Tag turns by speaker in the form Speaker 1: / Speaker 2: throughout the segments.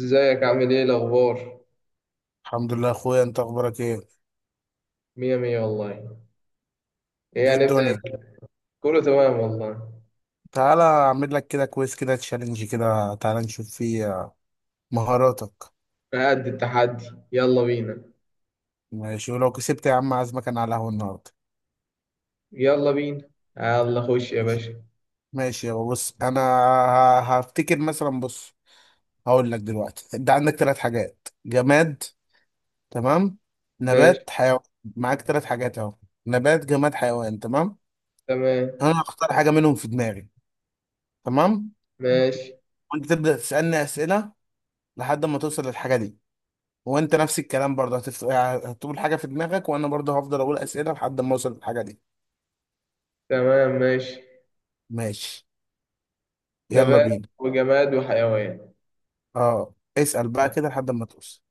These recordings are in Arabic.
Speaker 1: ازيك؟ عامل ايه؟ الاخبار؟
Speaker 2: الحمد لله يا اخويا، انت اخبارك ايه؟
Speaker 1: مية مية والله. ايه
Speaker 2: ايه
Speaker 1: هنبدأ؟
Speaker 2: الدنيا؟
Speaker 1: كله تمام والله.
Speaker 2: تعالى اعمل لك كده كويس، كده تشالنج كده، تعالى نشوف فيه مهاراتك.
Speaker 1: قد التحدي. يلا بينا.
Speaker 2: ماشي، ولو كسبت يا عم عازمك انا على القهوه النهارده.
Speaker 1: يلا بينا. يلا خش يا
Speaker 2: ماشي.
Speaker 1: باشا.
Speaker 2: ماشي، يابا بص انا هفتكر مثلا. بص هقول لك دلوقتي، انت عندك ثلاث حاجات: جماد، تمام،
Speaker 1: ماشي.
Speaker 2: نبات، حيوان. معاك ثلاث حاجات اهو: نبات، جماد، حيوان، تمام.
Speaker 1: تمام.
Speaker 2: انا هختار حاجه منهم في دماغي، تمام،
Speaker 1: ماشي.
Speaker 2: وانت تبدا تسالني اسئله لحد ما توصل للحاجه دي. وانت نفس الكلام برضه، هتقول حاجه في دماغك وانا برضه هفضل اقول اسئله لحد ما اوصل للحاجه دي.
Speaker 1: تمام. ماشي.
Speaker 2: ماشي، يلا
Speaker 1: نبات
Speaker 2: بينا.
Speaker 1: وجماد وحيوان.
Speaker 2: اه، اسال بقى كده لحد ما توصل.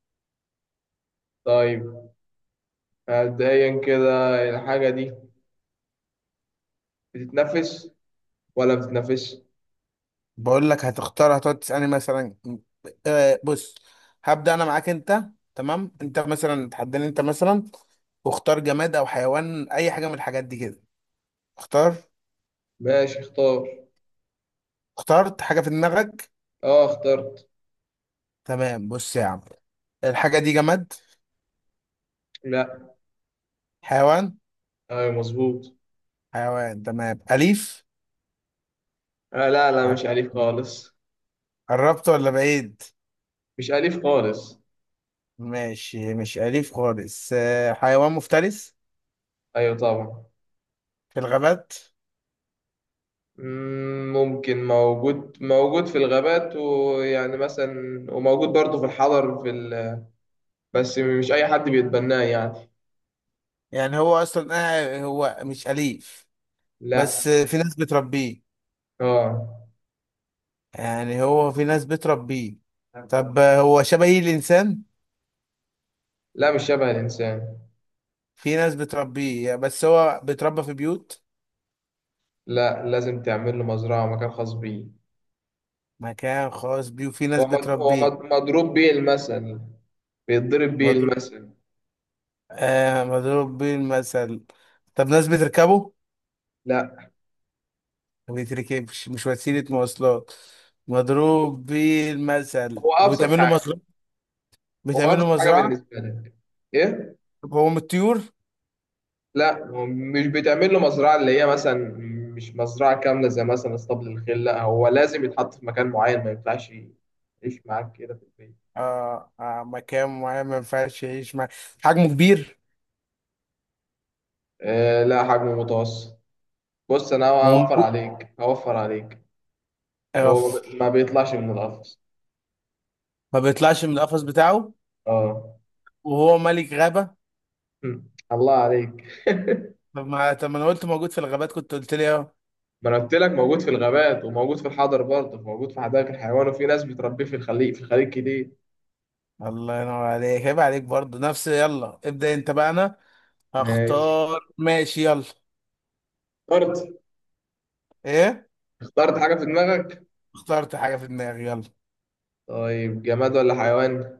Speaker 1: طيب، مبدئيا كده الحاجة دي بتتنفس ولا بتتنفس؟
Speaker 2: بقول لك هتختار، هتقعد تسالني مثلا. بص، هبدا انا معاك انت. تمام، انت مثلا تحداني، انت مثلا واختار جماد او حيوان، اي حاجه من الحاجات دي كده. اختار.
Speaker 1: ماشي، اختار.
Speaker 2: اخترت حاجه في دماغك؟
Speaker 1: اه اخترت.
Speaker 2: تمام. بص يا عم، الحاجه دي جماد؟
Speaker 1: لا.
Speaker 2: حيوان؟
Speaker 1: ايوه مظبوط.
Speaker 2: حيوان، تمام، اليف؟
Speaker 1: آه لا، لا مش أليف خالص.
Speaker 2: قربت ولا بعيد؟
Speaker 1: مش أليف خالص.
Speaker 2: ماشي، مش أليف خالص، حيوان مفترس
Speaker 1: ايوه طبعا.
Speaker 2: في الغابات؟
Speaker 1: ممكن موجود في الغابات، ويعني مثلا وموجود برضه في الحضر في بس مش أي حد بيتبناه يعني.
Speaker 2: يعني هو أصلا هو مش أليف، بس
Speaker 1: لا.
Speaker 2: في ناس بتربيه.
Speaker 1: اه.
Speaker 2: يعني هو في ناس بتربيه. طب هو شبه الإنسان؟
Speaker 1: لا مش شبه الإنسان.
Speaker 2: في ناس بتربيه بس هو بيتربى في بيوت.
Speaker 1: لا لازم تعمل له مزرعة ومكان خاص بيه.
Speaker 2: مكان خاص بيه وفي ناس بتربيه.
Speaker 1: مضروب بيه المثل، بيتضرب بيه
Speaker 2: مضروب،
Speaker 1: المثل.
Speaker 2: آه مضروب بيه المثل. طب ناس بتركبه؟
Speaker 1: لا.
Speaker 2: ما بيتركبش، مش وسيلة مواصلات. مضروب بيه المثل
Speaker 1: هو أبسط
Speaker 2: وبتعمل له
Speaker 1: حاجة.
Speaker 2: مصروف،
Speaker 1: هو
Speaker 2: بتعملوا
Speaker 1: أبسط حاجة
Speaker 2: مزرعة.
Speaker 1: بالنسبة لك. إيه؟
Speaker 2: طب هو من الطيور؟
Speaker 1: لا هو مش بتعمل له مزرعة اللي هي مثلا، مش مزرعة كاملة زي مثلا اسطبل الخيل. لا هو لازم يتحط في مكان معين، ما ينفعش يعيش معاك كده في البيت.
Speaker 2: آه آه، مكان معين ما ينفعش يعيش مع. حجمه كبير؟
Speaker 1: آه لا، حجمه متوسط. بص أنا
Speaker 2: ما هو
Speaker 1: هوفر
Speaker 2: موجود.
Speaker 1: عليك، هوفر عليك.
Speaker 2: آه
Speaker 1: هو ما بيطلعش من القفص.
Speaker 2: ما بيطلعش من القفص بتاعه.
Speaker 1: اه.
Speaker 2: وهو ملك غابة.
Speaker 1: هم. الله عليك.
Speaker 2: طب ما طب ما انا قلت موجود في الغابات كنت قلت لي اه.
Speaker 1: ما انا قلت لك موجود في الغابات، وموجود في الحضر برضه، موجود في حدائق الحيوان، وفي ناس بتربيه في الخليج، في الخليج كتير.
Speaker 2: الله ينور عليك، عيب عليك برضه، نفس. يلا ابدأ انت بقى، انا
Speaker 1: ماشي.
Speaker 2: هختار. ماشي، يلا.
Speaker 1: اخترت.
Speaker 2: ايه؟
Speaker 1: اخترت حاجة في دماغك.
Speaker 2: اخترت حاجة في دماغي، يلا.
Speaker 1: طيب جماد ولا حيوان؟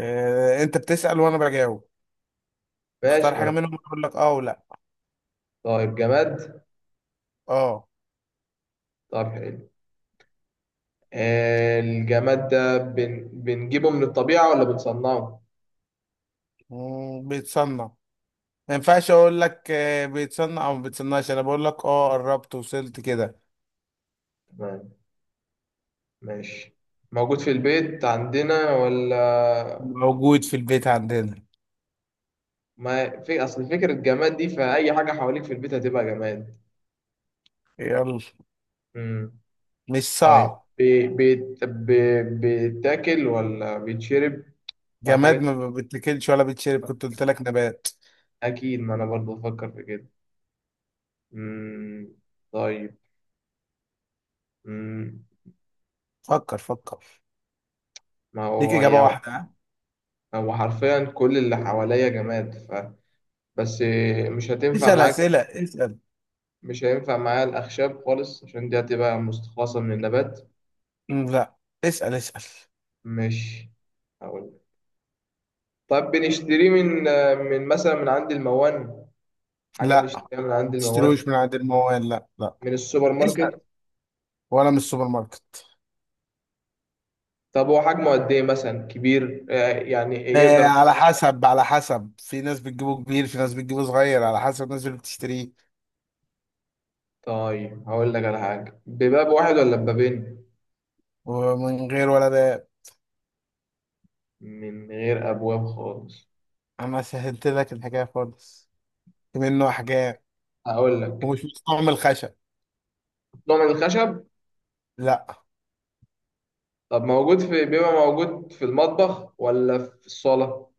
Speaker 2: إيه انت بتسأل وانا بجاوب؟
Speaker 1: ماشي،
Speaker 2: اختار
Speaker 1: ما
Speaker 2: حاجة
Speaker 1: انا.
Speaker 2: منهم اقول لك اه ولا.
Speaker 1: طيب جماد.
Speaker 2: اه.
Speaker 1: طب حلو. الجماد ده بنجيبه من الطبيعة ولا بنصنعه؟
Speaker 2: بيتصنع. ما ينفعش اقول لك بيتصنع او ما بيتصنعش، انا بقول لك اه قربت وصلت كده.
Speaker 1: تمام. ماشي. موجود في البيت عندنا ولا؟
Speaker 2: موجود في البيت عندنا.
Speaker 1: ما في أصل فكرة جماد دي، فأي حاجة حواليك في البيت هتبقى جماد.
Speaker 2: يلا.
Speaker 1: مم.
Speaker 2: مش
Speaker 1: طيب،
Speaker 2: صعب.
Speaker 1: بيتاكل ولا بيتشرب ولا
Speaker 2: جماد،
Speaker 1: حاجات؟
Speaker 2: ما بتاكلش ولا بتشرب، كنت قلت لك نبات.
Speaker 1: أكيد، ما أنا برضه بفكر في كده. مم. طيب. مم.
Speaker 2: فكر فكر،
Speaker 1: ما
Speaker 2: ليك
Speaker 1: هو
Speaker 2: اجابه
Speaker 1: يعني
Speaker 2: واحده، ها؟
Speaker 1: هو حرفيا كل اللي حواليا جماد، ف بس مش هتنفع
Speaker 2: اسال
Speaker 1: معاك.
Speaker 2: اسئله، اسال.
Speaker 1: مش هينفع معايا الأخشاب خالص، عشان دي هتبقى مستخلصة من النبات.
Speaker 2: لا. اسال اسال.
Speaker 1: مش هقول. طب بنشتريه من، من مثلا من عند الموان؟ حاجة
Speaker 2: لا،
Speaker 1: بنشتريها من
Speaker 2: ما
Speaker 1: عند الموان؟
Speaker 2: تشتروش من عند الموال، لا لا.
Speaker 1: من السوبر
Speaker 2: اسال.
Speaker 1: ماركت؟
Speaker 2: ولا من السوبر ماركت.
Speaker 1: طب هو حجمه قد إيه؟ مثلا كبير يعني
Speaker 2: آه
Speaker 1: يقدر؟
Speaker 2: على حسب، على حسب، في ناس بتجيبه كبير في ناس بتجيبه صغير، على حسب الناس اللي بتشتريه.
Speaker 1: طيب هقول لك على حاجة، بباب واحد ولا ببابين؟
Speaker 2: ومن غير ولا ده.
Speaker 1: من غير أبواب خالص.
Speaker 2: انا سهلت لك الحكايه خالص، في منه احجام.
Speaker 1: هقول لك،
Speaker 2: ومش مستعمل خشب؟
Speaker 1: نوع من الخشب.
Speaker 2: لا.
Speaker 1: طب موجود في، بيبقى موجود في المطبخ ولا في الصالة؟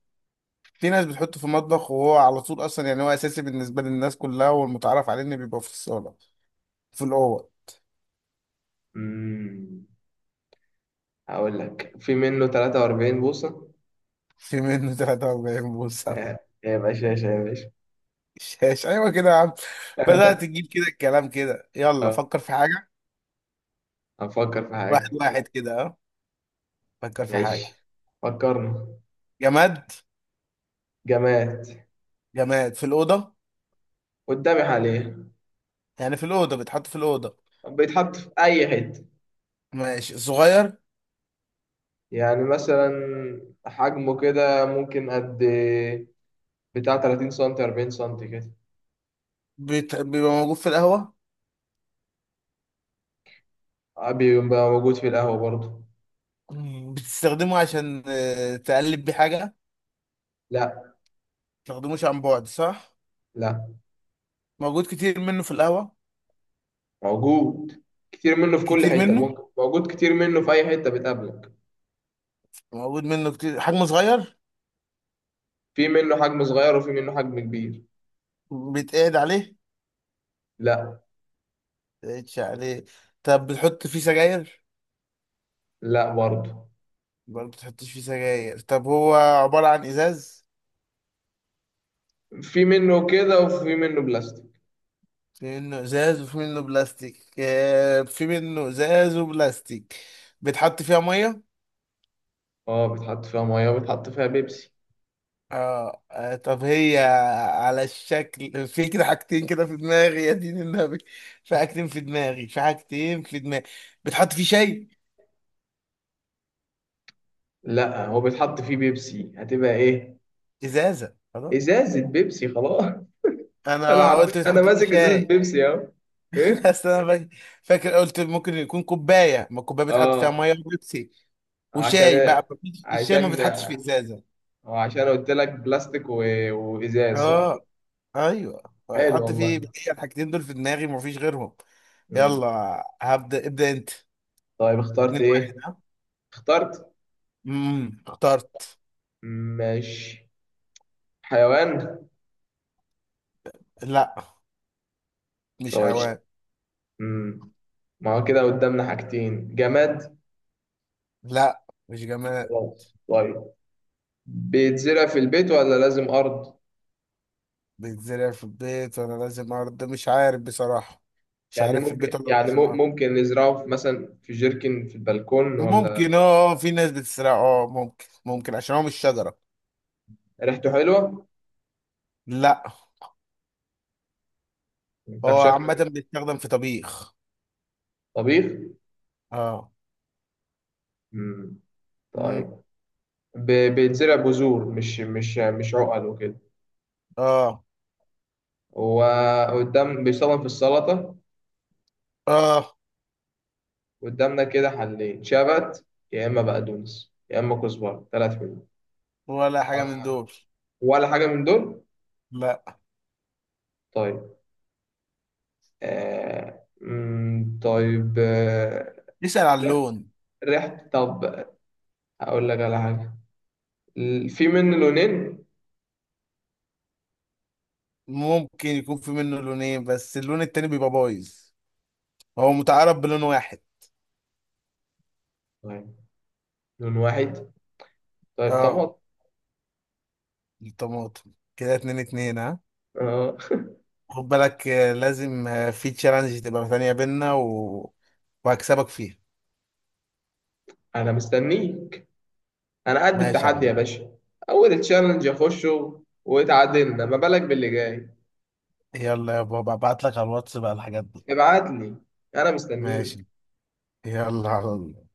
Speaker 2: في ناس بتحطه في المطبخ وهو على طول اصلا، يعني هو اساسي بالنسبه للناس كلها، والمتعارف عليه انه بيبقى في الصاله في الاوض.
Speaker 1: مم. هقول لك في منه 43 بوصة.
Speaker 2: في منه 43 بوصه؟
Speaker 1: آه. يا باشا يا باشا يا باشا.
Speaker 2: شاش، ايوه كده يا عم، بدات تجيب كده الكلام كده. يلا
Speaker 1: آه،
Speaker 2: فكر في حاجه.
Speaker 1: هنفكر في
Speaker 2: واحد
Speaker 1: حاجة.
Speaker 2: واحد كده اه. فكر في حاجه.
Speaker 1: ماشي. فكرنا.
Speaker 2: جماد.
Speaker 1: جماد.
Speaker 2: جماد في الاوضه،
Speaker 1: قدامي حاليا.
Speaker 2: يعني في الاوضه بيتحط في الاوضه.
Speaker 1: بيتحط في أي حتة.
Speaker 2: ماشي، صغير.
Speaker 1: يعني مثلا حجمه كده ممكن قد بتاع 30 سنتي، 40 سنتي كده.
Speaker 2: بيبقى موجود في القهوه.
Speaker 1: بيبقى موجود في القهوة برضه.
Speaker 2: بتستخدمه عشان تقلب بيه حاجة ما.
Speaker 1: لا.
Speaker 2: بتستخدموش عن بعد، صح؟
Speaker 1: لا.
Speaker 2: موجود كتير منه في القهوة،
Speaker 1: موجود كتير منه في كل
Speaker 2: كتير
Speaker 1: حتة،
Speaker 2: منه،
Speaker 1: ممكن موجود كتير منه في أي حتة بتقابلك.
Speaker 2: موجود منه كتير، حجمه صغير.
Speaker 1: في منه حجم صغير وفي منه حجم كبير.
Speaker 2: بيتقعد عليه؟
Speaker 1: لا.
Speaker 2: بيتقعدش عليه. طب بتحط فيه سجاير؟
Speaker 1: لا برضه.
Speaker 2: برضه بتحطش فيه سجاير. طب هو عبارة عن إزاز؟
Speaker 1: في منه كده وفي منه بلاستيك.
Speaker 2: في منه إزاز وفي منه بلاستيك. في منه إزاز وبلاستيك. بتحط فيها مية؟
Speaker 1: اه بيتحط فيها ميه وبيتحط فيها بيبسي.
Speaker 2: اه. طب هي على الشكل، في كده حاجتين كده في دماغي يا دين النبي. في حاجتين في دماغي، في حاجتين في دماغي. بتحط فيه شاي؟
Speaker 1: لا هو بيتحط فيه بيبسي، هتبقى ايه؟
Speaker 2: ازازه، خلاص.
Speaker 1: ازازه بيبسي خلاص. انا
Speaker 2: انا
Speaker 1: عارف،
Speaker 2: قلت
Speaker 1: انا
Speaker 2: بتحط فيه
Speaker 1: ماسك ازازه
Speaker 2: شاي.
Speaker 1: بيبسي اهو. ايه.
Speaker 2: بس انا فاكر قلت ممكن يكون كوبايه، ما الكوبايه بتحط فيها
Speaker 1: اه.
Speaker 2: ميه وبيبسي وشاي
Speaker 1: عشان،
Speaker 2: بقى، الشاي ما
Speaker 1: عشان،
Speaker 2: بيتحطش في ازازه.
Speaker 1: عشان قلت لك بلاستيك وازاز صح.
Speaker 2: اه. ايوه.
Speaker 1: حلو
Speaker 2: بتحط
Speaker 1: والله.
Speaker 2: فيه، هي الحاجتين دول في دماغي ومفيش غيرهم.
Speaker 1: مم.
Speaker 2: يلا هبدا، ابدا انت.
Speaker 1: طيب اخترت
Speaker 2: اتنين واحد
Speaker 1: ايه؟
Speaker 2: ها.
Speaker 1: اخترت.
Speaker 2: اخترت.
Speaker 1: ماشي. حيوان.
Speaker 2: لا، مش
Speaker 1: طيب.
Speaker 2: حيوان.
Speaker 1: مم. ما هو كده قدامنا حاجتين، جماد.
Speaker 2: لا، مش جماد.
Speaker 1: خلاص طيب. بيتزرع في البيت ولا لازم أرض؟
Speaker 2: بيتزرع في البيت ولا لازم ارض، مش عارف بصراحة. مش
Speaker 1: يعني
Speaker 2: عارف في البيت
Speaker 1: ممكن،
Speaker 2: ولا
Speaker 1: يعني
Speaker 2: لازم ارض.
Speaker 1: ممكن نزرعه في مثلا في جيركن في البلكون ولا؟
Speaker 2: ممكن اه، في ناس بتزرع، اه ممكن، ممكن، عشان هو مش شجرة.
Speaker 1: ريحته حلوة؟
Speaker 2: لا.
Speaker 1: طب
Speaker 2: هو
Speaker 1: شكله.
Speaker 2: عامة بيستخدم في طبيخ.
Speaker 1: طبيخ؟
Speaker 2: اه.
Speaker 1: مم.
Speaker 2: مم.
Speaker 1: طيب بيتزرع بذور، مش عقل وكده.
Speaker 2: اه.
Speaker 1: وقدام بيستخدم في السلطة.
Speaker 2: اه.
Speaker 1: قدامنا كده حلين، شبت يا إما بقدونس يا إما كزبرة، ثلاث منهم.
Speaker 2: ولا حاجة من دول.
Speaker 1: ولا حاجة من دول؟
Speaker 2: لا.
Speaker 1: طيب. آه... طيب آه...
Speaker 2: اسأل على اللون.
Speaker 1: ريحة طب. هقول لك على حاجة، في منه لونين.
Speaker 2: ممكن يكون في منه لونين بس اللون التاني بيبقى بايظ، هو متعارف بلون واحد.
Speaker 1: طيب لون واحد. طيب
Speaker 2: اه،
Speaker 1: طماط.
Speaker 2: الطماطم كده، اتنين اتنين ها.
Speaker 1: اه.
Speaker 2: خد بالك لازم في تشالنج تبقى ثانية بينا وهكسبك فيها.
Speaker 1: انا مستنيك. انا قد
Speaker 2: ماشي يا
Speaker 1: التحدي يا
Speaker 2: عم.
Speaker 1: باشا. اول تشالنج اخشه واتعادلنا، ما بالك باللي جاي.
Speaker 2: يلا يا بابا، ابعت لك على الواتس بقى الحاجات دي.
Speaker 1: ابعت لي. انا مستنيك.
Speaker 2: ماشي، يلا على الله.